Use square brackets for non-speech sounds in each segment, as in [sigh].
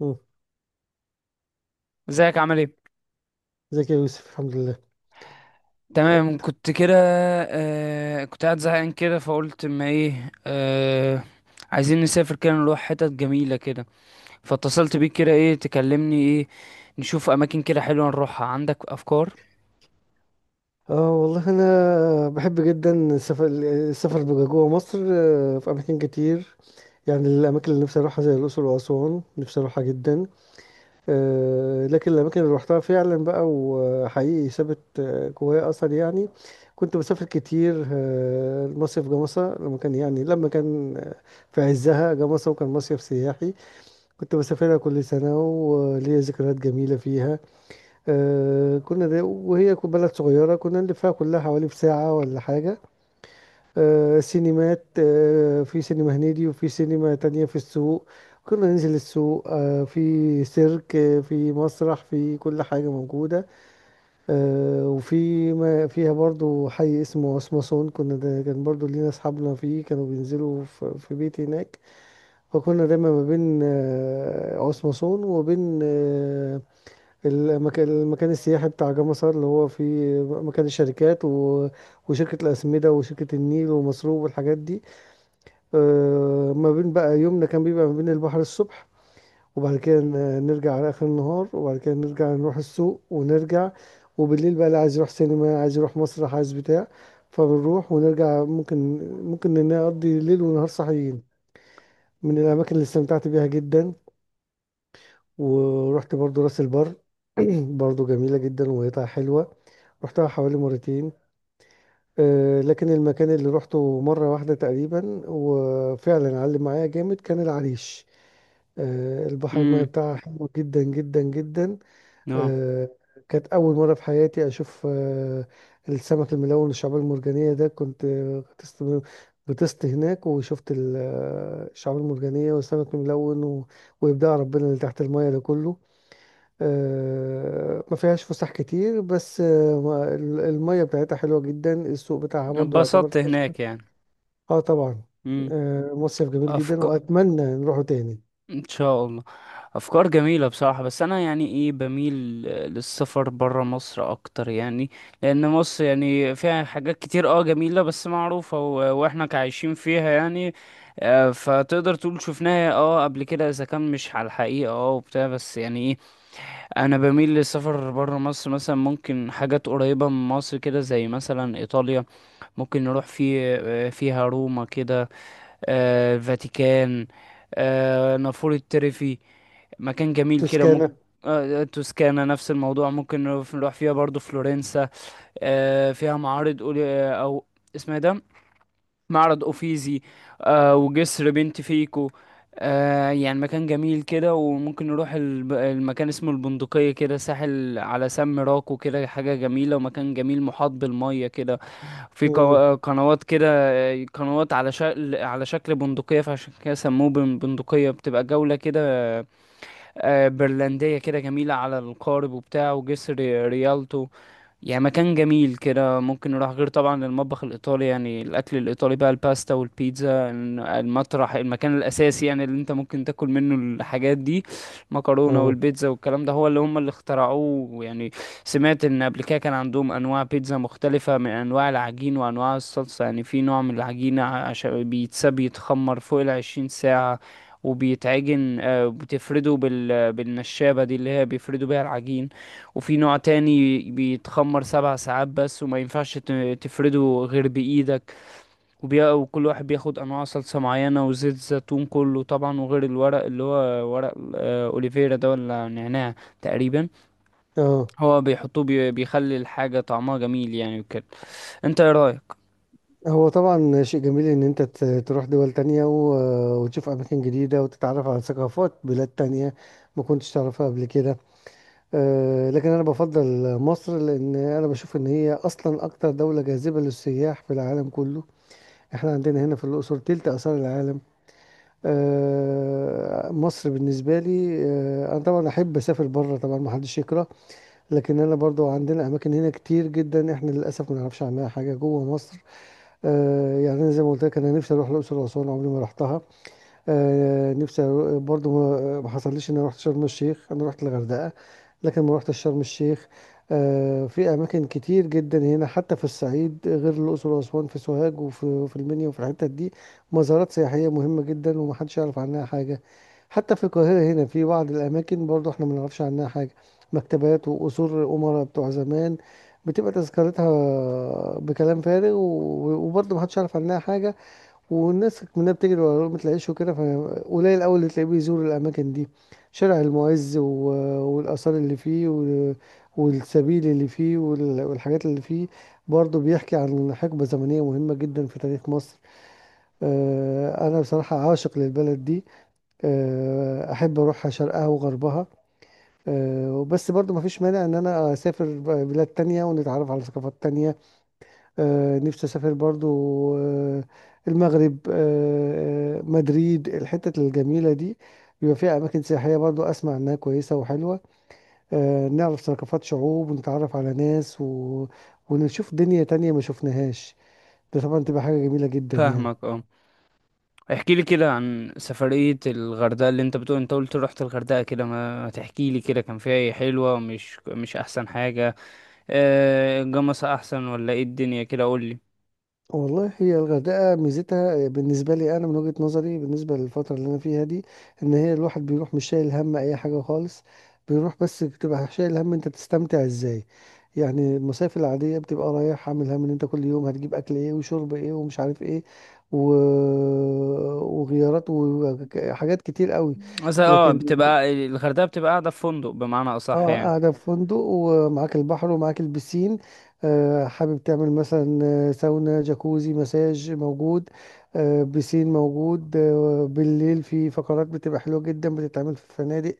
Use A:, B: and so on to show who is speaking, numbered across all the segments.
A: مم.
B: ازيك عامل ايه؟
A: ازيك يا يوسف، الحمد لله.
B: تمام كنت كده. كنت قاعد زهقان كده فقلت ما ايه عايزين نسافر كده نروح حتت جميلة كده. فاتصلت بيك كده ايه تكلمني ايه. نشوف اماكن كده حلوة نروحها. عندك افكار؟
A: اه، والله انا بحب جدا السفر. السفر بقى جوه مصر، في اماكن كتير. يعني الاماكن اللي نفسي اروحها زي الاقصر واسوان، نفسي اروحها جدا. لكن الاماكن اللي روحتها فعلا بقى وحقيقي سابت جوايا اثر، يعني كنت بسافر كتير. المصيف جمصة لما كان في عزها، جمصة وكان مصيف سياحي. كنت بسافرها كل سنة وليا ذكريات جميلة فيها. كنا، دي وهي بلد صغيرة، كنا نلفها كلها حوالي في ساعة ولا حاجة. سينمات، في سينما هنيدي وفي سينما تانية في السوق. كنا ننزل السوق، في سيرك، في مسرح، في كل حاجة موجودة. وفي ما فيها برضو حي اسمه اسمصون، كنا، ده كان برضو لينا أصحابنا فيه، كانوا بينزلوا في بيت هناك. فكنا دايما ما بين اسمصون وبين المكان السياحي بتاع جمصة، اللي هو فيه مكان الشركات وشركة الأسمدة وشركة النيل ومصروف والحاجات دي. ما بين بقى يومنا كان بيبقى ما بين البحر الصبح، وبعد كده نرجع على آخر النهار، وبعد كده نرجع نروح السوق ونرجع. وبالليل بقى، اللي عايز يروح سينما، عايز يروح مسرح، عايز بتاع. فبنروح ونرجع ممكن، ممكن نقضي ليل ونهار صحيين. من الأماكن اللي استمتعت بيها جدا، ورحت برضو راس البر. [clears throat] برضو جميلة جدا، وقطع حلوة. رحتها حوالي مرتين. لكن المكان اللي روحته مرة واحدة تقريبا وفعلا علم معايا جامد كان العريش. البحر، المياه
B: امم.
A: بتاعها حلو جدا جدا جدا.
B: اه.
A: آه، كانت أول مرة في حياتي أشوف السمك الملون، الشعاب المرجانية، ده كنت غطست هناك وشفت الشعاب المرجانية والسمك الملون وإبداع ربنا اللي تحت المياه ده كله. ما فيهاش فسح كتير، بس المية بتاعتها حلوة جدا، السوق بتاعها برضو يعتبر
B: اتبسطت
A: فسح.
B: هناك يعني؟
A: اه، طبعا.
B: امم.
A: مصيف جميل جدا
B: افكار.
A: واتمنى نروحه تاني.
B: ان شاء الله. افكار جميله بصراحه، بس انا يعني ايه، بميل للسفر برا مصر اكتر يعني. لان مصر يعني فيها حاجات كتير، اه، جميله بس معروفه، واحنا كعايشين فيها يعني. فتقدر تقول شفناها اه قبل كده، اذا كان مش على الحقيقه، اه، وبتاع، بس يعني ايه، انا بميل للسفر برا مصر. مثلا ممكن حاجات قريبه من مصر كده، زي مثلا ايطاليا. ممكن نروح في، فيها روما كده، الفاتيكان، نافورة تريفي. مكان جميل كده ممكن.
A: توسكانا.
B: توسكانا نفس الموضوع، ممكن نروح فيها برضو فلورنسا. فيها معارض او اسمها إيه ده، معرض اوفيزي. وجسر بنت فيكو. يعني مكان جميل كده، وممكن نروح المكان اسمه البندقية كده، ساحل على سم راكو كده، حاجة جميلة ومكان جميل محاط بالمية كده. في
A: مم.
B: قنوات كده. قنوات على شكل بندقية، فعشان كده سموه بندقية. بتبقى جولة كده برلندية كده جميلة، على القارب وبتاع، وجسر ريالتو. يعني مكان جميل كده ممكن نروح. غير طبعا المطبخ الإيطالي، يعني الأكل الإيطالي بقى الباستا والبيتزا. المطرح المكان الأساسي يعني اللي أنت ممكن تاكل منه الحاجات دي، مكرونة
A: اه،
B: والبيتزا والكلام ده، هو اللي هم اللي اخترعوه يعني. سمعت إن قبل كده كان عندهم أنواع بيتزا مختلفة، من أنواع العجين وأنواع الصلصة. يعني في نوع من العجينة عشان بيتساب يتخمر فوق 20 ساعة، وبيتعجن، بتفرده بالنشابة دي، اللي هي بيفردوا بيها العجين. وفي نوع تاني بيتخمر 7 ساعات بس، وما ينفعش تفرده غير بإيدك. وكل واحد بياخد أنواع صلصة معينة وزيت زيتون، كله طبعا، وغير الورق اللي هو ورق، أوليفيرا ده ولا نعناع، تقريبا.
A: اه،
B: هو بيحطوه، بيخلي الحاجة طعمها جميل يعني، وكده. انت ايه رأيك؟
A: هو طبعا شيء جميل ان انت تروح دول تانية وتشوف اماكن جديدة وتتعرف على ثقافات بلاد تانية ما كنتش تعرفها قبل كده. لكن انا بفضل مصر، لان انا بشوف ان هي اصلا اكتر دولة جاذبة للسياح في العالم كله. احنا عندنا هنا في الأقصر تلت آثار العالم. مصر بالنسبة لي، أنا طبعا أحب أسافر بره، طبعا محدش يكره. لكن أنا برضو عندنا أماكن هنا كتير جدا، احنا للأسف ما نعرفش عنها حاجة جوه مصر. يعني أنا زي ما قلت لك، أنا نفسي أروح الأقصر وأسوان، عمري ما رحتها. برضو ما حصلليش ان انا رحت شرم الشيخ، انا رحت الغردقة لكن ما رحتش شرم الشيخ. في اماكن كتير جدا هنا حتى في الصعيد، غير الاقصر واسوان، في سوهاج وفي المنيا وفي الحتت دي مزارات سياحية مهمة جدا ومحدش يعرف عنها حاجة. حتى في القاهرة هنا في بعض الاماكن برضو احنا ما نعرفش عنها حاجة، مكتبات وقصور الامراء بتوع زمان، بتبقى تذكرتها بكلام فارغ وبرضه محدش يعرف عنها حاجة. والناس منها بتجري وراه ما تلاقيش، وكده فقليل أوي اللي تلاقيه بيزور الأماكن دي. شارع المعز والآثار اللي فيه والسبيل اللي فيه والحاجات اللي فيه برضه بيحكي عن حقبة زمنية مهمة جدا في تاريخ مصر. أنا بصراحة عاشق للبلد دي. أحب أروحها شرقها وغربها. بس برضه مفيش مانع إن أنا أسافر بلاد تانية ونتعرف على ثقافات تانية. نفسي اسافر برضو آه، المغرب، مدريد، الحتت الجميله دي، بيبقى فيها اماكن سياحيه برضو اسمع انها كويسه وحلوه. نعرف ثقافات شعوب ونتعرف على ناس ونشوف دنيا تانية ما شفناهاش. ده طبعا تبقى حاجه جميله جدا، يعني
B: فاهمك اه. احكي لي كده عن سفرية الغردقة اللي انت بتقول، انت قلت رحت الغردقة كده، ما تحكي لي كده كان فيها ايه حلوة، مش احسن حاجة، الجمصة احسن ولا ايه الدنيا كده قول لي.
A: والله هي الغردقة ميزتها بالنسبة لي، أنا من وجهة نظري بالنسبة للفترة اللي أنا فيها دي، إن هي الواحد بيروح مش شايل هم أي حاجة خالص. بيروح بس بتبقى شايل هم أنت بتستمتع إزاي. يعني المصايف العادية بتبقى رايح عامل هم إن أنت كل يوم هتجيب أكل إيه وشرب إيه ومش عارف إيه و... وغيارات وحاجات كتير قوي.
B: مثلا اه،
A: لكن،
B: بتبقى الغردقة بتبقى قاعدة في فندق بمعنى اصح
A: اه،
B: يعني.
A: قاعدة في فندق ومعاك البحر ومعاك البسين. حابب تعمل مثلا ساونا، جاكوزي، مساج موجود. بسين موجود. بالليل في فقرات بتبقى حلوة جدا بتتعمل في الفنادق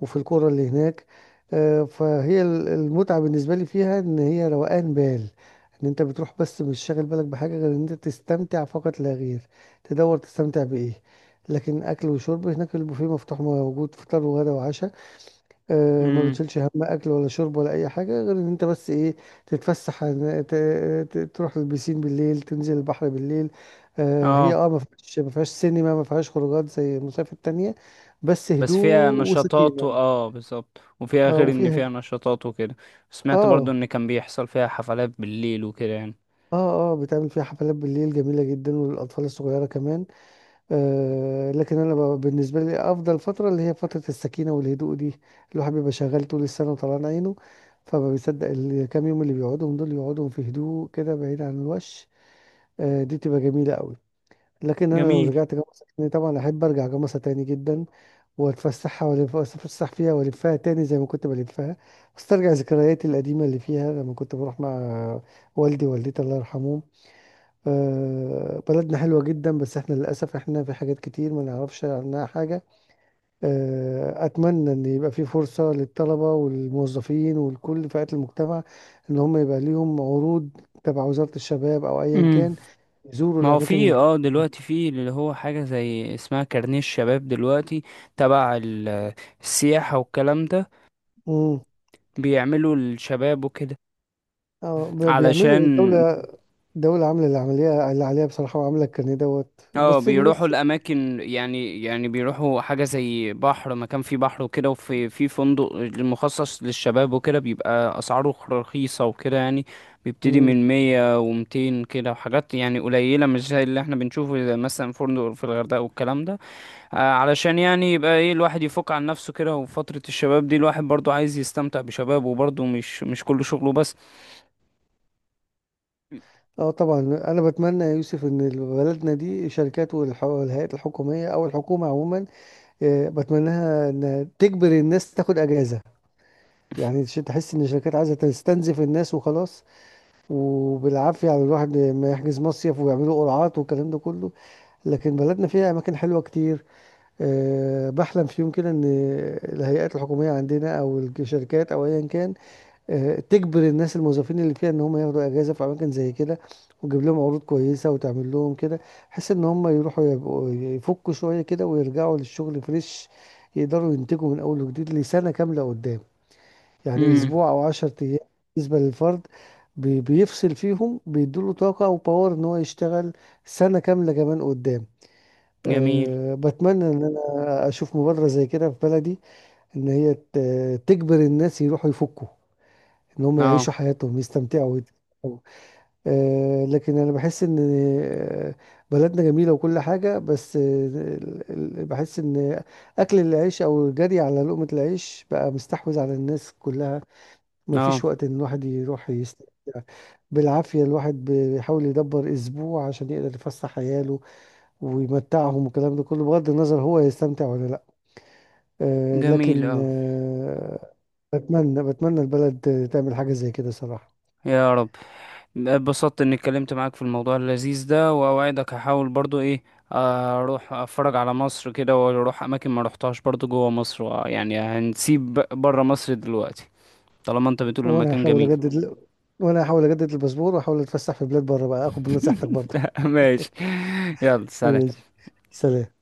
A: وفي القرى اللي هناك. فهي المتعة بالنسبة لي فيها ان هي روقان بال، ان انت بتروح بس مش شاغل بالك بحاجة غير ان انت تستمتع فقط لا غير. تدور تستمتع بإيه؟ لكن اكل وشرب هناك، البوفيه مفتوح موجود، فطار وغدا وعشاء. ما
B: امم.
A: بتشيلش هم اكل ولا شرب ولا اي حاجه غير ان انت بس ايه، تتفسح عن- ت- ت- تروح البسين بالليل، تنزل البحر بالليل. هي
B: اه
A: اه ما فيهاش سينما، ما فيهاش خروجات زي المصايف التانية، بس
B: بس فيها
A: هدوء
B: نشاطات
A: وسكينه.
B: اه، بالظبط، وفيها
A: اه،
B: غير ان
A: وفيها،
B: فيها نشاطات وكده. سمعت برضو
A: اه
B: ان كان بيحصل فيها حفلات بالليل وكده يعني.
A: اه بتعمل فيها حفلات بالليل جميله جدا وللاطفال الصغيره كمان. لكن انا بالنسبه لي افضل فتره اللي هي فتره السكينه والهدوء دي. الواحد بيبقى شغال طول السنه وطلعان عينه، فما بيصدق الكام يوم اللي بيقعدهم، دول يقعدهم في هدوء كده بعيد عن الوش. دي تبقى جميله قوي. لكن انا لو
B: جميل.
A: رجعت جمصة تاني، طبعا احب ارجع جمصة تاني جدا، واتفسحها والف اتفسح فيها والفها تاني زي ما كنت بلفها، استرجع ذكرياتي القديمه اللي فيها لما كنت بروح مع والدي ووالدتي، الله يرحمهم. بلدنا حلوة جدا، بس احنا للأسف احنا في حاجات كتير ما نعرفش عنها حاجة. أتمنى إن يبقى في فرصة للطلبة والموظفين ولكل فئات المجتمع، إن هم يبقى ليهم عروض تبع وزارة الشباب أو أيا
B: امم.
A: كان، يزوروا
B: ما هو
A: الأماكن
B: في اه دلوقتي في اللي هو حاجة زي اسمها كارنيه الشباب دلوقتي، تبع السياحة والكلام ده،
A: مم.
B: بيعملوا الشباب وكده،
A: بيعملوا
B: علشان
A: الدولة، دولة عاملة اللي عمليها اللي عليها بصراحة، وعاملة كان دوت،
B: اه
A: بس
B: بيروحوا
A: الناس.
B: الاماكن، يعني بيروحوا حاجه زي بحر، مكان فيه بحر وكده، وفي فندق مخصص للشباب وكده، بيبقى اسعاره رخيصه وكده يعني، بيبتدي
A: مم.
B: من 100 و200 كده، وحاجات يعني قليله، مش زي اللي احنا بنشوفه زي مثلا فندق في الغردقه والكلام ده. علشان يعني يبقى ايه الواحد يفك عن نفسه كده، وفتره الشباب دي الواحد برضو عايز يستمتع بشبابه برضو، مش كل شغله بس.
A: اه، طبعا انا بتمنى يا يوسف ان بلدنا دي، شركات والهيئات الحكوميه او الحكومه عموما، بتمناها ان تجبر الناس تاخد اجازه. يعني عشان تحس ان الشركات عايزه تستنزف الناس وخلاص، وبالعافيه على الواحد ما يحجز مصيف ويعملوا قرعات والكلام ده كله. لكن بلدنا فيها اماكن حلوه كتير. بحلم في يوم كده ان الهيئات الحكوميه عندنا او الشركات او ايا كان، تجبر الناس، الموظفين اللي فيها، ان هم ياخدوا اجازه في اماكن زي كده، وتجيب لهم عروض كويسه وتعمل لهم كده، بحيث ان هم يروحوا يبقوا يفكوا شويه كده ويرجعوا للشغل فريش، يقدروا ينتجوا من اول وجديد لسنه كامله قدام. يعني
B: امم.
A: اسبوع او 10 ايام. بالنسبه للفرد، بيفصل فيهم بيدوله طاقه وباور ان هو يشتغل سنه كامله كمان قدام.
B: جميل.
A: بتمنى ان انا اشوف مبادره زي كده في بلدي، ان هي تجبر الناس يروحوا يفكوا، ان هم
B: اه.
A: يعيشوا حياتهم يستمتعوا ويتفرجوا. لكن انا بحس ان آه، بلدنا جميله وكل حاجه، بس بحس ان اكل العيش او الجري على لقمه العيش بقى مستحوذ على الناس كلها. ما
B: اه.
A: فيش وقت ان الواحد يروح يستمتع. بالعافيه الواحد بيحاول يدبر اسبوع عشان يقدر يفسح عياله ويمتعهم، والكلام ده كله بغض النظر هو يستمتع ولا لا.
B: جميل.
A: لكن
B: اه.
A: بتمنى البلد تعمل حاجه زي كده، صراحه.
B: يا رب. اتبسطت اني اتكلمت معاك في الموضوع اللذيذ ده، واوعدك هحاول برضو ايه، اروح اتفرج على مصر كده، واروح اماكن ما روحتهاش برضو جوه مصر، يعني هنسيب بره مصر دلوقتي، طالما انت بتقول
A: وانا
B: المكان
A: هحاول
B: جميل.
A: اجدد وانا هحاول اجدد الباسبور واحاول اتفسح في بلاد بره، بقى اخد بنصيحتك برضه.
B: [laughs] ماشي. يلا سلام.
A: ماشي، سلام.